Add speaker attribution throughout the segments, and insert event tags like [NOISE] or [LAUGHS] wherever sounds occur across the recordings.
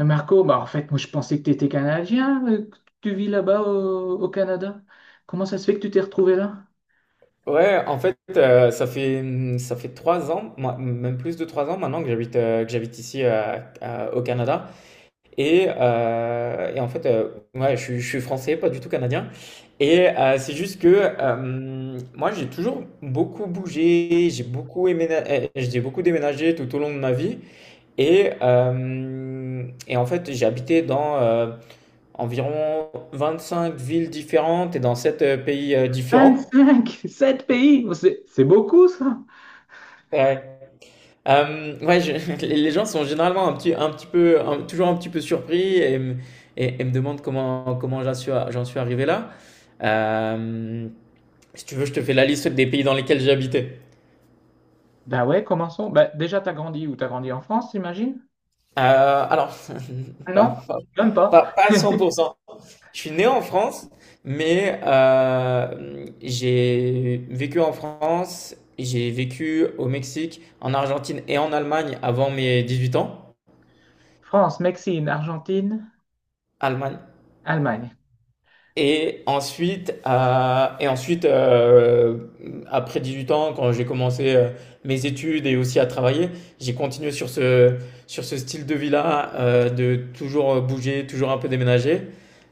Speaker 1: Marco, bah en fait, moi je pensais que tu étais Canadien, que tu vis là-bas au Canada. Comment ça se fait que tu t'es retrouvé là?
Speaker 2: Ouais, en fait, ça fait 3 ans, moi, même plus de 3 ans maintenant que j'habite ici au Canada. Et en fait, ouais, je suis français, pas du tout canadien. Et c'est juste que moi, j'ai toujours beaucoup bougé, j'ai beaucoup déménagé tout au long de ma vie. Et, euh, et en fait, j'ai habité dans environ cinq villes différentes et dans sept pays différents.
Speaker 1: 25, [LAUGHS] 7 pays, oh, c'est beaucoup ça.
Speaker 2: Ouais, [LAUGHS] les gens sont généralement un petit peu, toujours un petit peu surpris et me demandent comment j'en suis arrivé là. Euh, Si tu veux, je te fais la liste des pays dans lesquels j'ai habité.
Speaker 1: Bah ouais, commençons. Bah, déjà, t'as grandi où? T'as grandi en France, j'imagine?
Speaker 2: Alors, [LAUGHS] pas,
Speaker 1: Non,
Speaker 2: pas,
Speaker 1: même pas.
Speaker 2: pas, pas à cent.
Speaker 1: [LAUGHS]
Speaker 2: pour cent. Je suis né en France, mais j'ai vécu en France, j'ai vécu au Mexique, en Argentine et en Allemagne avant mes 18 ans.
Speaker 1: France, Mexique, Argentine,
Speaker 2: Allemagne.
Speaker 1: Allemagne.
Speaker 2: Et ensuite, après 8 ans, quand j'ai commencé mes études et aussi à travailler, j'ai continué sur ce style de vie-là, de toujours bouger, toujours un peu déménager.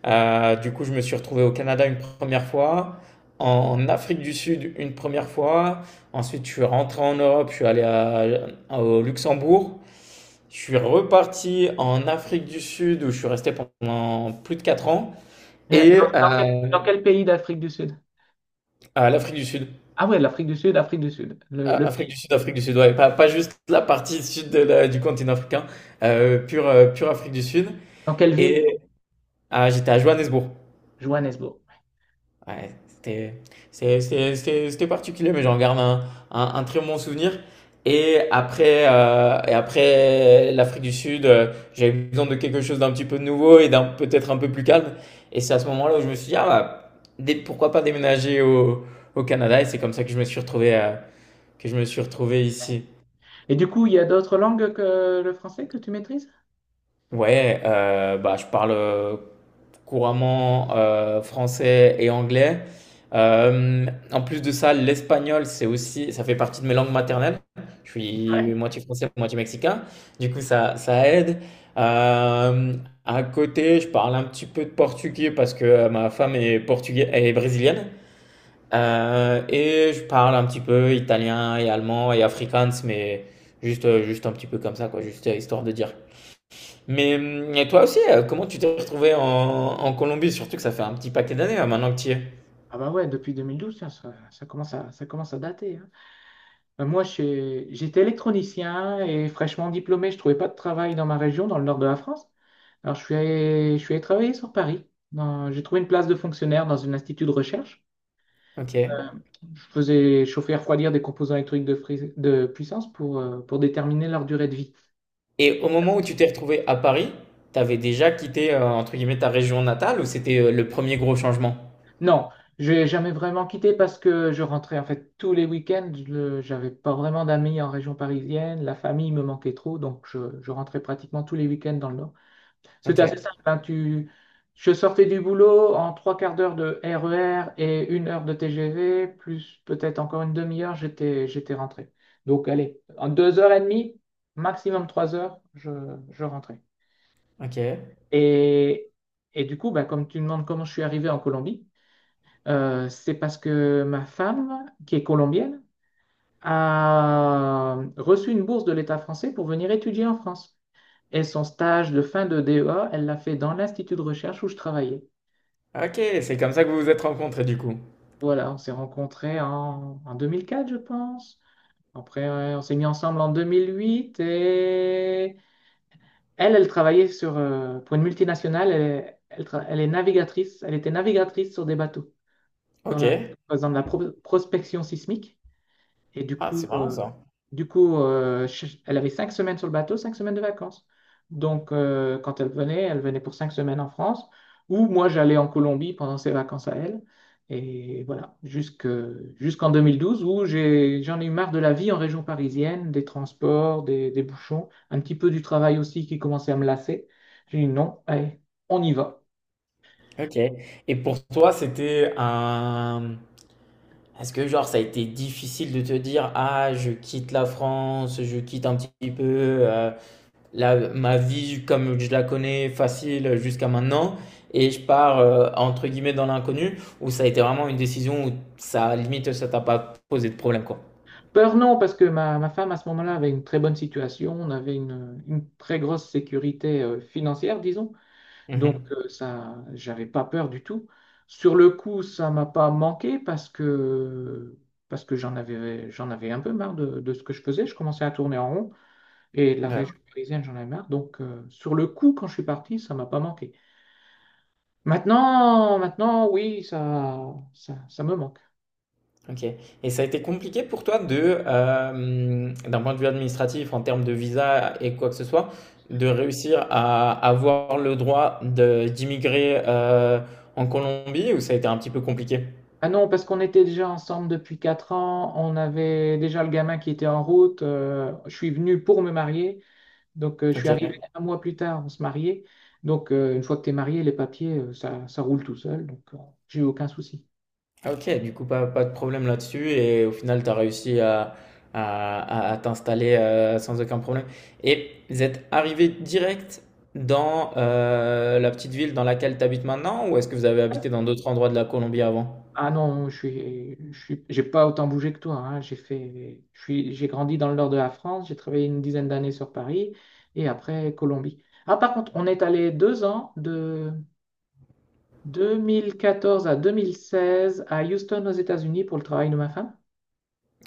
Speaker 2: Du coup, je me suis retrouvé au Canada une première fois, en Afrique du Sud une première fois. Ensuite, je suis rentré en Europe, je suis allé au Luxembourg. Je suis reparti en Afrique du Sud où je suis resté pendant plus de 4 ans. Et, euh,
Speaker 1: Dans quel pays d'Afrique du Sud?
Speaker 2: à l'Afrique du Sud.
Speaker 1: Ah ouais, l'Afrique du Sud, Afrique du Sud, le
Speaker 2: Afrique
Speaker 1: pays.
Speaker 2: du Sud, Afrique du Sud, ouais. Pas, pas juste la partie sud de du continent africain, pure Afrique du Sud.
Speaker 1: Dans quelle
Speaker 2: Et
Speaker 1: ville?
Speaker 2: ah, j'étais à Johannesburg.
Speaker 1: Johannesburg.
Speaker 2: Ouais, c'était c'est- c'était particulier, mais j'en garde un très bon souvenir. Et après l'Afrique du Sud, j'avais besoin de quelque chose d'un petit peu nouveau et d'un peut-être un peu plus calme. Et c'est à ce moment-là où je me suis dit, ah bah, pourquoi pas déménager au Canada? Et c'est comme ça que je me suis retrouvé, que je me suis retrouvé ici.
Speaker 1: Et du coup, il y a d'autres langues que le français que tu maîtrises?
Speaker 2: Ouais, bah, je parle couramment français et anglais. Euh, En plus de ça, l'espagnol, c'est aussi, ça fait partie de mes langues maternelles. Je
Speaker 1: Ouais.
Speaker 2: suis moitié français, moitié mexicain. Du coup, ça aide. Euh, à côté, je parle un petit peu de portugais parce que ma femme est portugaise, elle est brésilienne. Et je parle un petit peu italien et allemand et afrikaans, mais juste un petit peu comme ça, quoi, juste histoire de dire. Mais et toi aussi, comment tu t'es retrouvé en Colombie? Surtout que ça fait un petit paquet d'années là, maintenant que tu y es.
Speaker 1: Ah bah ouais, depuis 2012, tiens, ça commence à dater, hein. J'étais électronicien et fraîchement diplômé, je trouvais pas de travail dans ma région, dans le nord de la France. Alors, je suis allé travailler sur Paris. J'ai trouvé une place de fonctionnaire dans un institut de recherche.
Speaker 2: Ok.
Speaker 1: Euh, Je faisais chauffer et refroidir des composants électriques de puissance pour déterminer leur durée de vie.
Speaker 2: Et au moment où tu t'es retrouvé à Paris, t'avais déjà quitté entre guillemets ta région natale ou c'était le premier gros changement?
Speaker 1: Non, j'ai jamais vraiment quitté parce que je rentrais en fait tous les week-ends. J'avais pas vraiment d'amis en région parisienne. La famille me manquait trop, donc je rentrais pratiquement tous les week-ends dans le Nord. C'était assez
Speaker 2: Ok.
Speaker 1: simple, hein, je sortais du boulot en trois quarts d'heure de RER et une heure de TGV, plus peut-être encore une demi-heure, j'étais rentré. Donc allez, en deux heures et demie, maximum trois heures, je rentrais.
Speaker 2: Ok.
Speaker 1: Et, et du coup, bah, comme tu me demandes comment je suis arrivé en Colombie, c'est parce que ma femme, qui est colombienne, a reçu une bourse de l'État français pour venir étudier en France. Et son stage de fin de DEA, elle l'a fait dans l'institut de recherche où je travaillais.
Speaker 2: Ok. C'est comme ça que vous vous êtes rencontrés du coup.
Speaker 1: Voilà, on s'est rencontrés en 2004, je pense. Après, ouais, on s'est mis ensemble en 2008 et elle, elle travaillait sur, pour une multinationale. Elle est navigatrice. Elle était navigatrice sur des bateaux dans
Speaker 2: Ok.
Speaker 1: la, par prospection sismique. Et du
Speaker 2: Ah, c'est
Speaker 1: coup,
Speaker 2: marrant
Speaker 1: euh,
Speaker 2: ça.
Speaker 1: elle avait cinq semaines sur le bateau, cinq semaines de vacances. Donc, quand elle venait pour cinq semaines en France, ou moi, j'allais en Colombie pendant ses vacances à elle. Et voilà, jusqu'en 2012, où j'en ai eu marre de la vie en région parisienne, des transports, des bouchons, un petit peu du travail aussi qui commençait à me lasser. J'ai dit non, allez, on y va.
Speaker 2: Ok. Et pour toi, c'était un. Est-ce que genre ça a été difficile de te dire, ah, je quitte la France, je quitte un petit peu. euh, ma vie comme je la connais facile jusqu'à maintenant et je pars entre guillemets dans l'inconnu où ça a été vraiment une décision où ça limite ça t'a pas posé de problème quoi.
Speaker 1: Peur, non, parce que ma femme, à ce moment-là, avait une très bonne situation. On avait une très grosse sécurité financière, disons. Donc,
Speaker 2: Mhm.
Speaker 1: ça, j'avais pas peur du tout. Sur le coup, ça m'a pas manqué parce que j'en avais un peu marre de ce que je faisais. Je commençais à tourner en rond et de la
Speaker 2: Ouais,
Speaker 1: région parisienne, j'en avais marre. Donc, sur le coup, quand je suis parti, ça m'a pas manqué. Maintenant, maintenant, oui, ça me manque.
Speaker 2: ok. Et ça a été compliqué pour toi d'un point de vue administratif, en termes de visa et quoi que ce soit, de réussir à avoir le droit d'immigrer en Colombie ou ça a été un petit peu compliqué?
Speaker 1: Ah non, parce qu'on était déjà ensemble depuis 4 ans, on avait déjà le gamin qui était en route, je suis venu pour me marier. Donc, je suis arrivé
Speaker 2: Ok.
Speaker 1: un mois plus tard, on se mariait. Donc, une fois que tu es marié, les papiers, ça roule tout seul. Donc, j'ai eu aucun souci.
Speaker 2: OK, du coup, pas, pas de problème là-dessus et au final, tu as réussi à t'installer sans aucun problème. Et vous êtes arrivé direct dans la petite ville dans laquelle tu habites maintenant ou est-ce que vous avez habité dans d'autres endroits de la Colombie avant?
Speaker 1: Ah non, j'ai pas autant bougé que toi, hein. J'ai fait, je suis, j'ai grandi dans le nord de la France. J'ai travaillé une dizaine d'années sur Paris et après Colombie. Ah, par contre, on est allé deux ans de 2014 à 2016 à Houston aux États-Unis pour le travail de ma femme.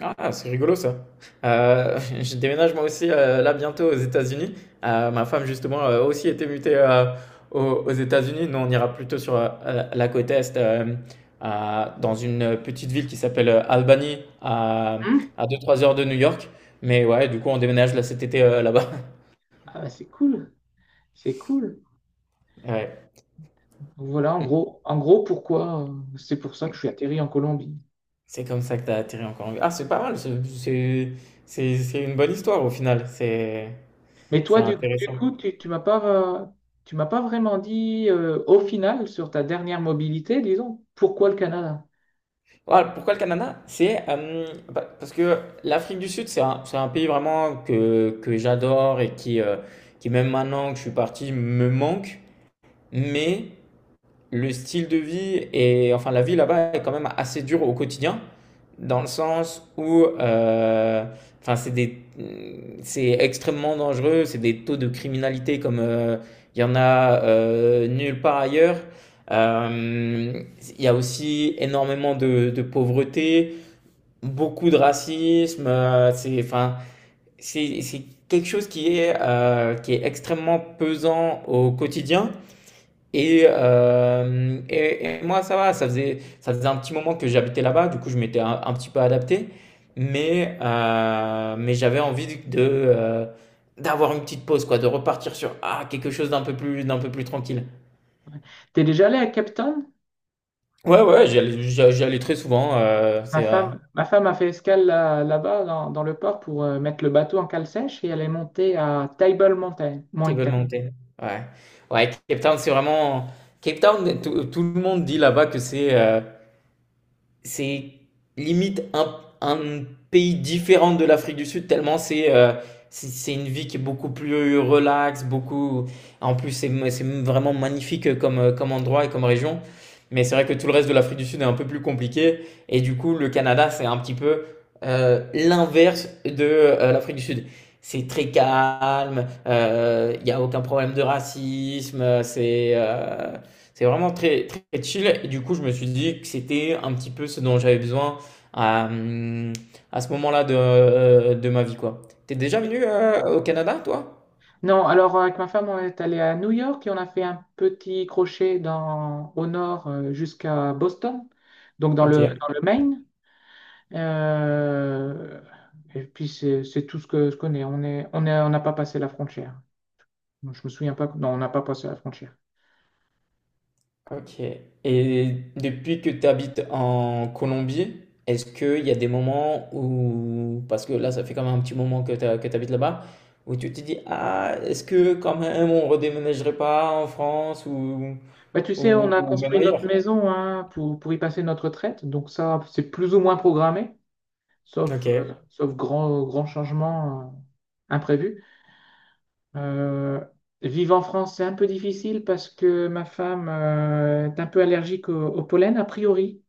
Speaker 2: Ah, c'est rigolo ça. [LAUGHS] Je déménage moi aussi là bientôt aux États-Unis. Ma femme justement a aussi été mutée aux, aux États-Unis. Nous, on ira plutôt sur la côte est, dans une petite ville qui s'appelle Albany,
Speaker 1: Hein.
Speaker 2: à deux trois heures de New York. Mais ouais, du coup, on déménage là cet été là-bas. [LAUGHS]
Speaker 1: Ah bah, c'est cool, c'est cool.
Speaker 2: Ouais.
Speaker 1: Donc voilà, en gros pourquoi c'est pour ça que je suis atterri en Colombie.
Speaker 2: C'est comme ça que t'as atterri encore Ah, c'est pas mal. C'est une bonne histoire au final.
Speaker 1: Mais
Speaker 2: C'est
Speaker 1: toi, du
Speaker 2: intéressant.
Speaker 1: coup, euh, tu m'as pas vraiment dit au final sur ta dernière mobilité, disons, pourquoi le Canada?
Speaker 2: Voilà, pourquoi le Canada? C'est Bah, parce que l'Afrique du Sud, c'est un pays vraiment que j'adore et qui, même maintenant que je suis parti, me manque. Mais le style de vie et enfin la vie là-bas est quand même assez dure au quotidien, dans le sens où enfin, c'est extrêmement dangereux, c'est des taux de criminalité comme il y en a nulle part ailleurs. Euh, il y a aussi énormément de pauvreté beaucoup de racisme. Enfin, c'est quelque chose qui est extrêmement pesant au quotidien. Et moi, ça va, ça faisait un petit moment que j'habitais là-bas, du coup, je m'étais un petit peu adapté. Mais j'avais envie d'avoir une petite pause, quoi, de repartir sur quelque chose d'un peu plus tranquille.
Speaker 1: T'es déjà allé à Cape Town?
Speaker 2: Ouais, ouais, j'y allais très souvent. C'est vrai.
Speaker 1: Ma femme a fait escale là-bas dans le port pour mettre le bateau en cale sèche et elle est montée à Table Mountain.
Speaker 2: Ils veulent
Speaker 1: Mountain.
Speaker 2: monter. Ouais. Ouais, Cape Town, c'est vraiment. Cape Town, tout le monde dit là-bas que c'est limite un pays différent de l'Afrique du Sud, tellement c'est une vie qui est beaucoup plus relaxe, beaucoup. En plus, c'est vraiment magnifique comme endroit et comme région. Mais c'est vrai que tout le reste de l'Afrique du Sud est un peu plus compliqué. Et du coup, le Canada, c'est un petit peu l'inverse de l'Afrique du Sud. C'est très calme, il n'y a aucun problème de racisme, c'est vraiment très, très chill. Et du coup, je me suis dit que c'était un petit peu ce dont j'avais besoin à, euh, à ce moment-là de ma vie, quoi. T'es déjà venu au Canada, toi?
Speaker 1: Non, alors avec ma femme, on est allé à New York et on a fait un petit crochet au nord jusqu'à Boston, donc
Speaker 2: Ok,
Speaker 1: dans le Maine. Euh, et puis c'est tout ce que je connais. On n'a pas passé la frontière. Je me souviens pas. Non, on n'a pas passé la frontière.
Speaker 2: ok. Et depuis que tu habites en Colombie, est-ce qu'il y a des moments où, parce que là, ça fait quand même un petit moment que tu habites là-bas, où tu te dis, ah, est-ce que quand même on redéménagerait pas en France
Speaker 1: Bah, tu sais, on a
Speaker 2: ou même
Speaker 1: construit notre
Speaker 2: ailleurs?
Speaker 1: maison, hein, pour y passer notre retraite. Donc ça, c'est plus ou moins programmé, sauf,
Speaker 2: Ok,
Speaker 1: sauf grand changement imprévu. Euh, vivre en France, c'est un peu difficile parce que ma femme est un peu allergique au pollen, a priori.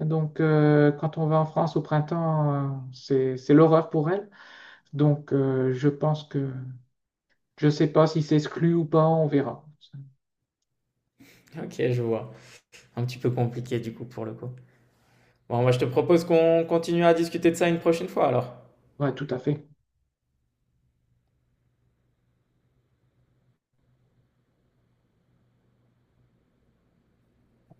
Speaker 1: Donc, quand on va en France au printemps, c'est l'horreur pour elle. Donc, je pense que je ne sais pas si c'est exclu ou pas, on verra.
Speaker 2: ok, je vois. Un petit peu compliqué du coup pour le coup. Bon, moi, je te propose qu'on continue à discuter de ça une prochaine fois alors.
Speaker 1: Ouais, tout à fait.